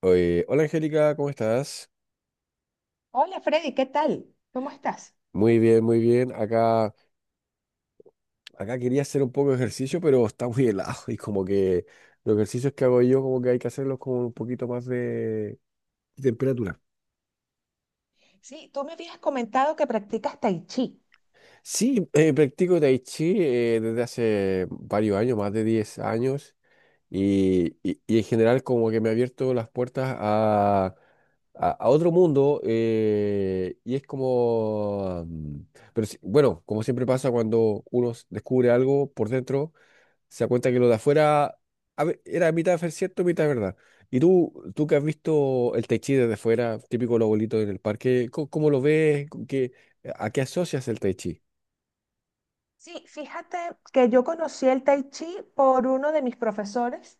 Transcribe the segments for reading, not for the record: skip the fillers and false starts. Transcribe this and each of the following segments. Oye, hola Angélica, ¿cómo estás? Hola, Freddy, ¿qué tal? ¿Cómo estás? Muy bien, muy bien. Acá quería hacer un poco de ejercicio, pero está muy helado y como que los ejercicios que hago yo como que hay que hacerlos con un poquito más de temperatura. Sí, tú me habías comentado que practicas tai chi. Sí, practico Tai Chi desde hace varios años, más de 10 años. Y en general como que me ha abierto las puertas a otro mundo y es como, pero bueno, como siempre pasa cuando uno descubre algo por dentro, se da cuenta que lo de afuera era mitad cierto, mitad verdad. Y tú que has visto el Tai Chi desde fuera, típico los abuelitos en el parque, ¿cómo lo ves? ¿A qué asocias el Tai Chi? Sí, fíjate que yo conocí el tai chi por uno de mis profesores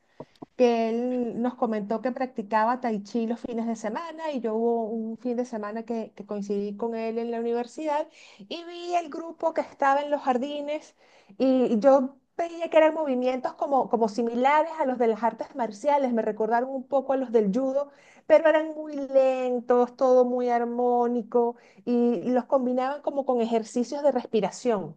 que él nos comentó que practicaba tai chi los fines de semana y yo hubo un fin de semana que coincidí con él en la universidad y vi el grupo que estaba en los jardines y yo veía que eran movimientos como similares a los de las artes marciales. Me recordaron un poco a los del judo, pero eran muy lentos, todo muy armónico, y los combinaban como con ejercicios de respiración.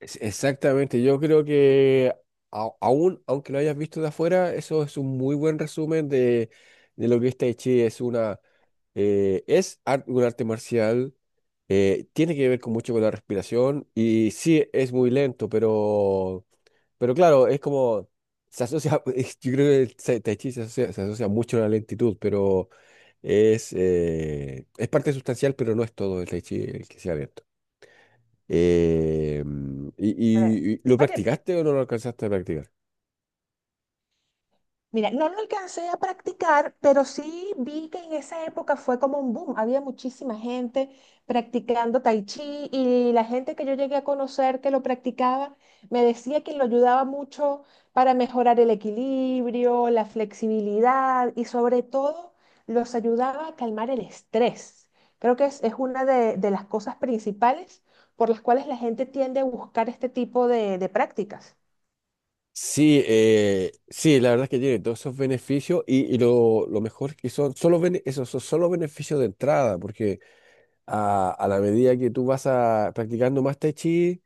Exactamente, yo creo que aún, aunque lo hayas visto de afuera, eso es un muy buen resumen de lo que es Tai Chi. Es una, es un arte marcial, tiene que ver con mucho con la respiración y sí, es muy lento, pero, claro, es como, se asocia, yo creo que el Tai Chi se asocia mucho a la lentitud, pero es parte sustancial, pero no es todo el Tai Chi el que sea lento. Eh, y, A ver. lo Oye, practicaste o no lo alcanzaste a practicar? mira, no lo alcancé a practicar, pero sí vi que en esa época fue como un boom. Había muchísima gente practicando tai chi, y la gente que yo llegué a conocer que lo practicaba me decía que lo ayudaba mucho para mejorar el equilibrio, la flexibilidad y sobre todo los ayudaba a calmar el estrés. Creo que es una de las cosas principales por las cuales la gente tiende a buscar este tipo de prácticas. Sí, sí, la verdad es que tiene todos esos beneficios y, y lo mejor es que son solo esos son solo beneficios de entrada, porque a la medida que tú vas practicando más Tai Chi,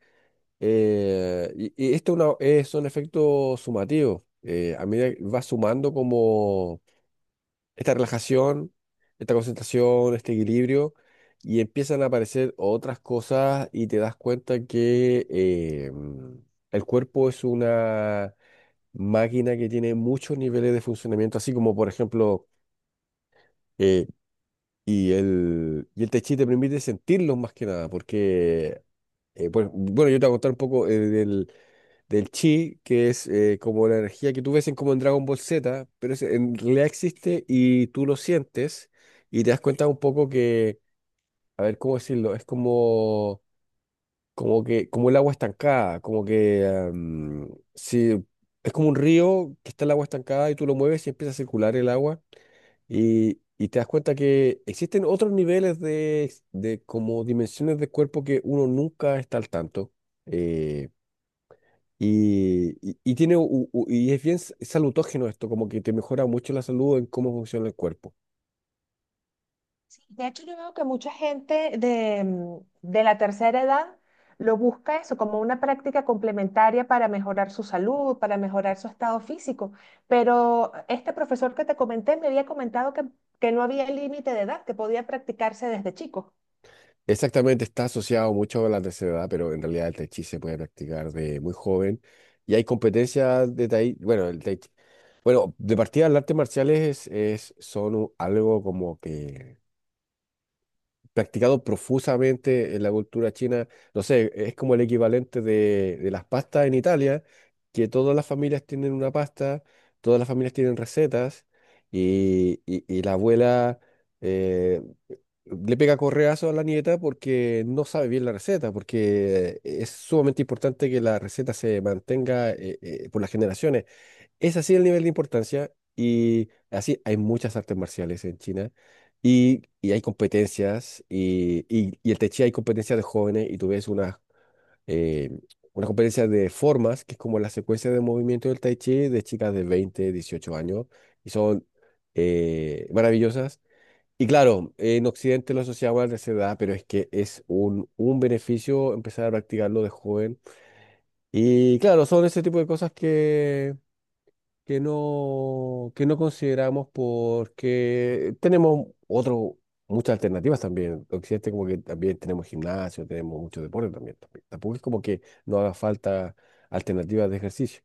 esto es son efectos sumativos, a medida que vas sumando como esta relajación, esta concentración, este equilibrio, y empiezan a aparecer otras cosas y te das cuenta que el cuerpo es una máquina que tiene muchos niveles de funcionamiento, así como por ejemplo, eh, y el Tai Chi te permite sentirlos más que nada, porque, pues, bueno, yo te voy a contar un poco del, del chi, que es como la energía que tú ves en, como en Dragon Ball Z, pero en realidad existe y tú lo sientes y te das cuenta un poco que, a ver, ¿cómo decirlo? Es como, como que, como el agua estancada, como que, si, es como un río que está el agua estancada y tú lo mueves y empieza a circular el agua Y te das cuenta que existen otros niveles de como dimensiones de cuerpo que uno nunca está al tanto. eh, y es bien salutógeno esto, como que te mejora mucho la salud en cómo funciona el cuerpo. Sí. De hecho, yo veo que mucha gente de, mm, de la tercera edad lo busca eso como una práctica complementaria para mejorar su salud, para mejorar su estado físico. Pero este profesor que te comenté me había comentado que no había límite de edad, que podía practicarse desde chico. Exactamente, está asociado mucho a la tercera edad, pero en realidad el Tai Chi se puede practicar de muy joven. Y hay competencias de Tai, bueno, el Bueno, de partida las artes marciales es, son algo como que practicado profusamente en la cultura china. No sé, es como el equivalente de las pastas en Italia, que todas las familias tienen una pasta, todas las familias tienen recetas y la abuela eh, le pega correazo a la nieta porque no sabe bien la receta, porque es sumamente importante que la receta se mantenga por las generaciones. Es así el nivel de importancia y así hay muchas artes marciales en China y hay competencias y en Tai Chi hay competencias de jóvenes y tú ves eh, una competencia de formas que es como la secuencia de movimiento del Tai Chi de chicas de 20, 18 años y son maravillosas. Y claro, en Occidente lo asociamos a la tercera edad, pero es que es un beneficio empezar a practicarlo de joven. Y claro, son ese tipo de cosas que no consideramos porque tenemos otro, muchas alternativas también. Occidente como que también tenemos gimnasio, tenemos mucho deporte también, también. Tampoco es como que no haga falta alternativas de ejercicio.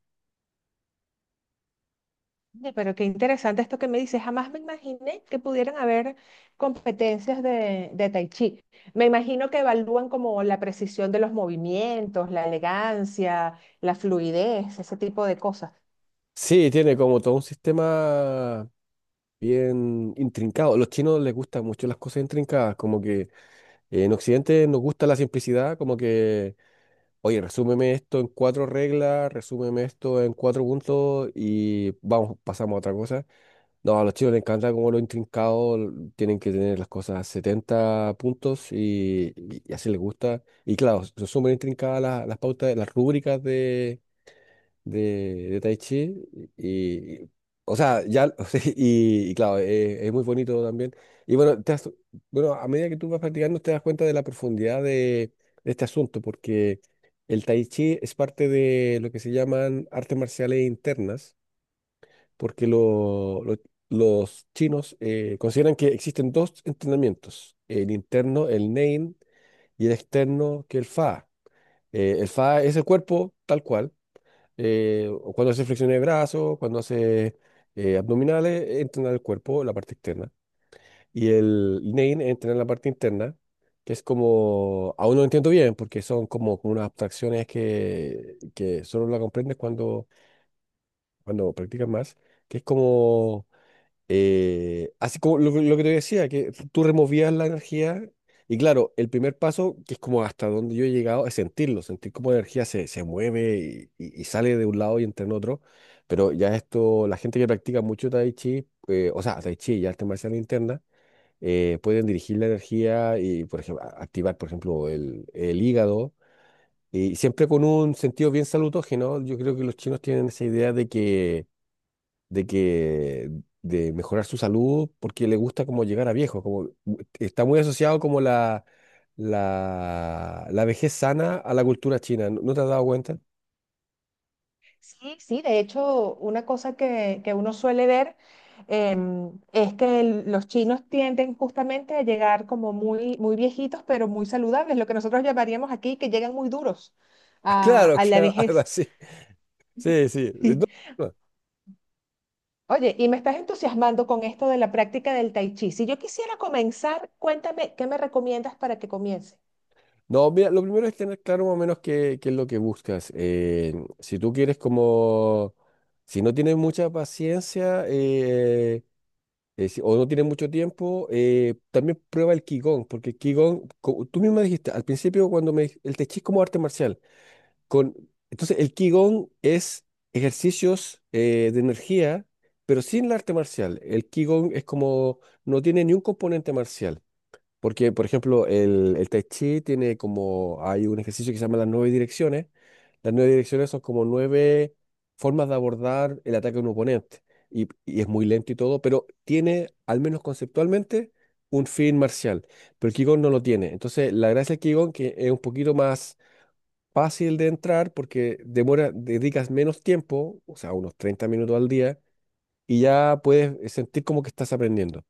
Oye, pero qué interesante esto que me dices. Jamás me imaginé que pudieran haber competencias de tai chi. Me imagino que evalúan como la precisión de los movimientos, la elegancia, la fluidez, ese tipo de cosas. Sí, tiene como todo un sistema bien intrincado. A los chinos les gustan mucho las cosas intrincadas, como que en Occidente nos gusta la simplicidad, como que oye, resúmeme esto en cuatro reglas, resúmeme esto en cuatro puntos y vamos, pasamos a otra cosa. No, a los chicos les encanta como lo intrincado, tienen que tener las cosas 70 puntos y así les gusta. Y claro, son súper intrincadas las pautas, las rúbricas de Tai Chi y, y- o sea, ya, y claro, es muy bonito también. Y bueno, bueno, a medida que tú vas practicando te das cuenta de la profundidad de este asunto, porque el Tai Chi es parte de lo que se llaman artes marciales internas, porque los chinos consideran que existen dos entrenamientos, el interno, el Nein, y el externo, que el Fa. El Fa es el cuerpo tal cual o cuando hace flexiones de brazos, cuando hace abdominales, es entrenar el cuerpo, la parte externa. Y el Name es entrenar la parte interna, que es como, aún no lo entiendo bien, porque son como, como unas abstracciones que solo la comprendes cuando practicas más, que es como así como lo que te decía, que tú removías la energía y claro, el primer paso, que es como hasta donde yo he llegado, es sentirlo, sentir cómo la energía se mueve y sale de un lado y entra en otro. Pero ya esto, la gente que practica mucho Tai Chi, o sea, Tai Chi y arte marcial interna, pueden dirigir la energía y, por ejemplo, activar, por ejemplo, el hígado. Y siempre con un sentido bien salutógeno. Yo creo que los chinos tienen esa idea de que de mejorar su salud porque le gusta como llegar a viejo, como está muy asociado como la vejez sana a la cultura china. ¿No, no te has dado cuenta? Sí, sí, de hecho, una cosa que uno suele ver, es que los chinos tienden justamente a llegar como muy, muy viejitos, pero muy saludables, lo que nosotros llamaríamos aquí que llegan muy duros Claro, a la claro, algo vejez. así. Sí, sí. No, Sí. no. Oye, y me estás entusiasmando con esto de la práctica del tai chi. Si yo quisiera comenzar, cuéntame, ¿qué me recomiendas para que comience? No, mira, lo primero es tener claro más o menos qué es lo que buscas. Si tú quieres como, si no tienes mucha paciencia, o no tienes mucho tiempo, también prueba el Qigong, porque el Qigong, tú misma dijiste al principio cuando me el Tai Chi es como arte marcial. Con, entonces, el Qigong es ejercicios de energía, pero sin el arte marcial. El Qigong es como, no tiene ni un componente marcial. Porque, por ejemplo, el Tai Chi tiene como, hay un ejercicio que se llama las nueve direcciones. Las nueve direcciones son como nueve formas de abordar el ataque a un oponente. Y es muy lento y todo, pero tiene, al menos conceptualmente, un fin marcial. Pero el Qigong no lo tiene. Entonces, la gracia del Qigong que es un poquito más fácil de entrar porque demora, dedicas menos tiempo, o sea, unos 30 minutos al día, y ya puedes sentir como que estás aprendiendo.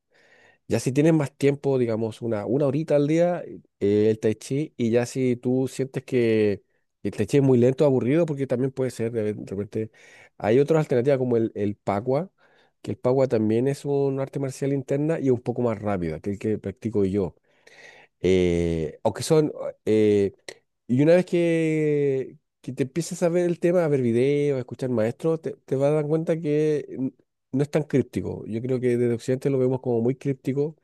Ya si tienes más tiempo, digamos, una horita al día, el tai chi, y ya si tú sientes que el tai chi es muy lento, aburrido, porque también puede ser, de repente, hay otras alternativas como el pagua, que el pagua también es un arte marcial interna y un poco más rápida que el que practico yo eh, o que son... eh, y una vez que te empiezas a ver el tema, a ver videos, a escuchar maestros, te vas a dar cuenta que no es tan críptico. Yo creo que desde Occidente lo vemos como muy críptico,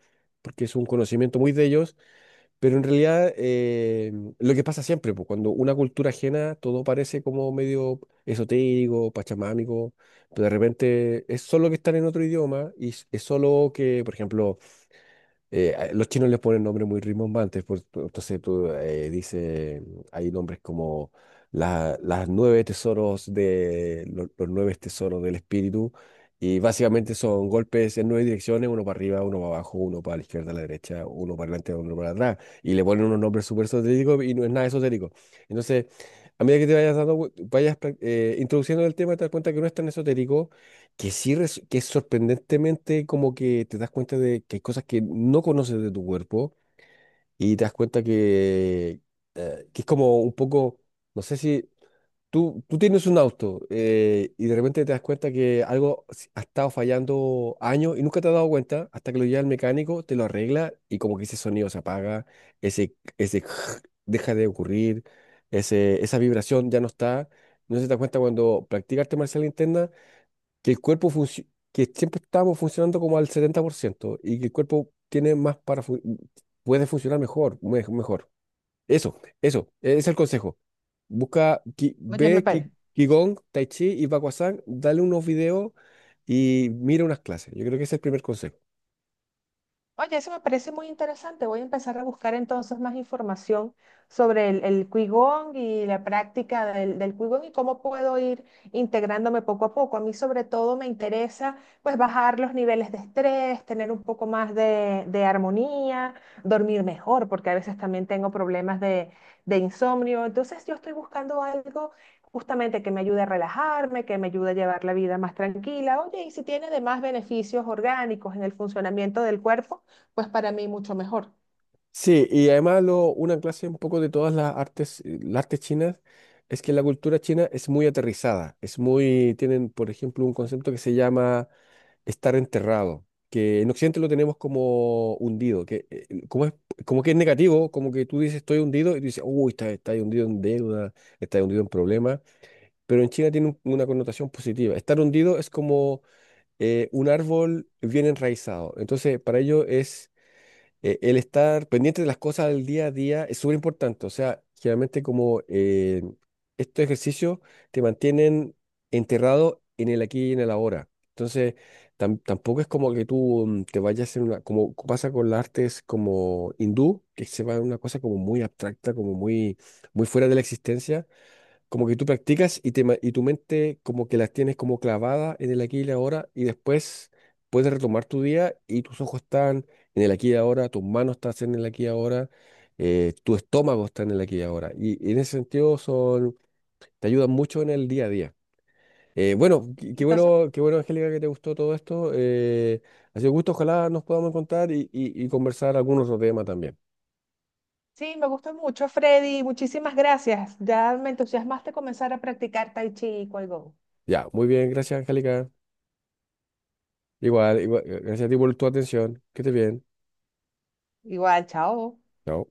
porque es un conocimiento muy de ellos, pero en realidad lo que pasa siempre, pues, cuando una cultura ajena, todo parece como medio esotérico, pachamámico, pero de repente es solo que están en otro idioma y es solo que, por ejemplo, los chinos les ponen nombres muy rimbombantes, entonces tú dices, hay nombres como las nueve tesoros de los, nueve tesoros del espíritu, y básicamente son golpes en nueve direcciones, uno para arriba, uno para abajo, uno para la izquierda, la derecha, uno para adelante, uno para atrás, y le ponen unos nombres súper esotéricos y no es nada esotérico. Entonces, a medida que te vayas dando, vayas introduciendo el tema, te das cuenta que no es tan esotérico que sí, que es sorprendentemente como que te das cuenta de que hay cosas que no conoces de tu cuerpo y te das cuenta que es como un poco, no sé si tú tienes un auto y de repente te das cuenta que algo ha estado fallando años y nunca te has dado cuenta hasta que lo lleva el mecánico, te lo arregla y como que ese sonido se apaga, ese deja de ocurrir, esa vibración ya no está. No se te das cuenta cuando practicas arte marcial interna que el cuerpo que siempre estamos funcionando como al 70% y que el cuerpo tiene más para puede funcionar mejor, mejor. Eso, ese es el consejo. Busca, Oye, me ve parece. Qigong, Tai Chi y Baguazhang, dale unos videos y mira unas clases. Yo creo que ese es el primer consejo. Oye, eso me parece muy interesante. Voy a empezar a buscar entonces más información sobre el Qigong y la práctica del, del Qigong y cómo puedo ir integrándome poco a poco. A mí sobre todo me interesa pues bajar los niveles de estrés, tener un poco más de armonía, dormir mejor, porque a veces también tengo problemas de insomnio. Entonces yo estoy buscando algo justamente que me ayude a relajarme, que me ayude a llevar la vida más tranquila. Oye, y si tiene además beneficios orgánicos en el funcionamiento del cuerpo, pues para mí mucho mejor. Sí, y además una clase un poco de todas las artes chinas, es que la cultura china es muy aterrizada, tienen, por ejemplo, un concepto que se llama estar enterrado, que en Occidente lo tenemos como hundido, que como como que es negativo, como que tú dices estoy hundido y tú dices, uy, está ahí hundido en deuda, estás hundido en problemas, pero en China tiene una connotación positiva. Estar hundido es como un árbol bien enraizado, entonces para ellos es el estar pendiente de las cosas del día a día es súper importante. O sea, generalmente como estos ejercicios te mantienen enterrado en el aquí y en el ahora. Entonces, tampoco es como que tú te vayas en una, como pasa con las artes como hindú, que se va en una cosa como muy abstracta, como muy, muy fuera de la existencia. Como que tú practicas y tu mente como que las tienes como clavada en el aquí y el ahora y después puedes retomar tu día y tus ojos están en el aquí y ahora, tus manos están en el aquí y ahora, tu estómago está en el aquí y ahora. Y en ese sentido te ayudan mucho en el día a día. Bueno, qué Entonces bueno, qué bueno, Angélica, que te gustó todo esto. Ha sido un gusto, ojalá nos podamos encontrar y conversar algún otro tema también. sí, me gusta mucho, Freddy. Muchísimas gracias. Ya me entusiasmaste comenzar a practicar Tai Chi y Qigong. Ya, muy bien, gracias, Angélica. Igual, igual, gracias a ti por tu atención. Que estés bien. Igual, chao. Chao.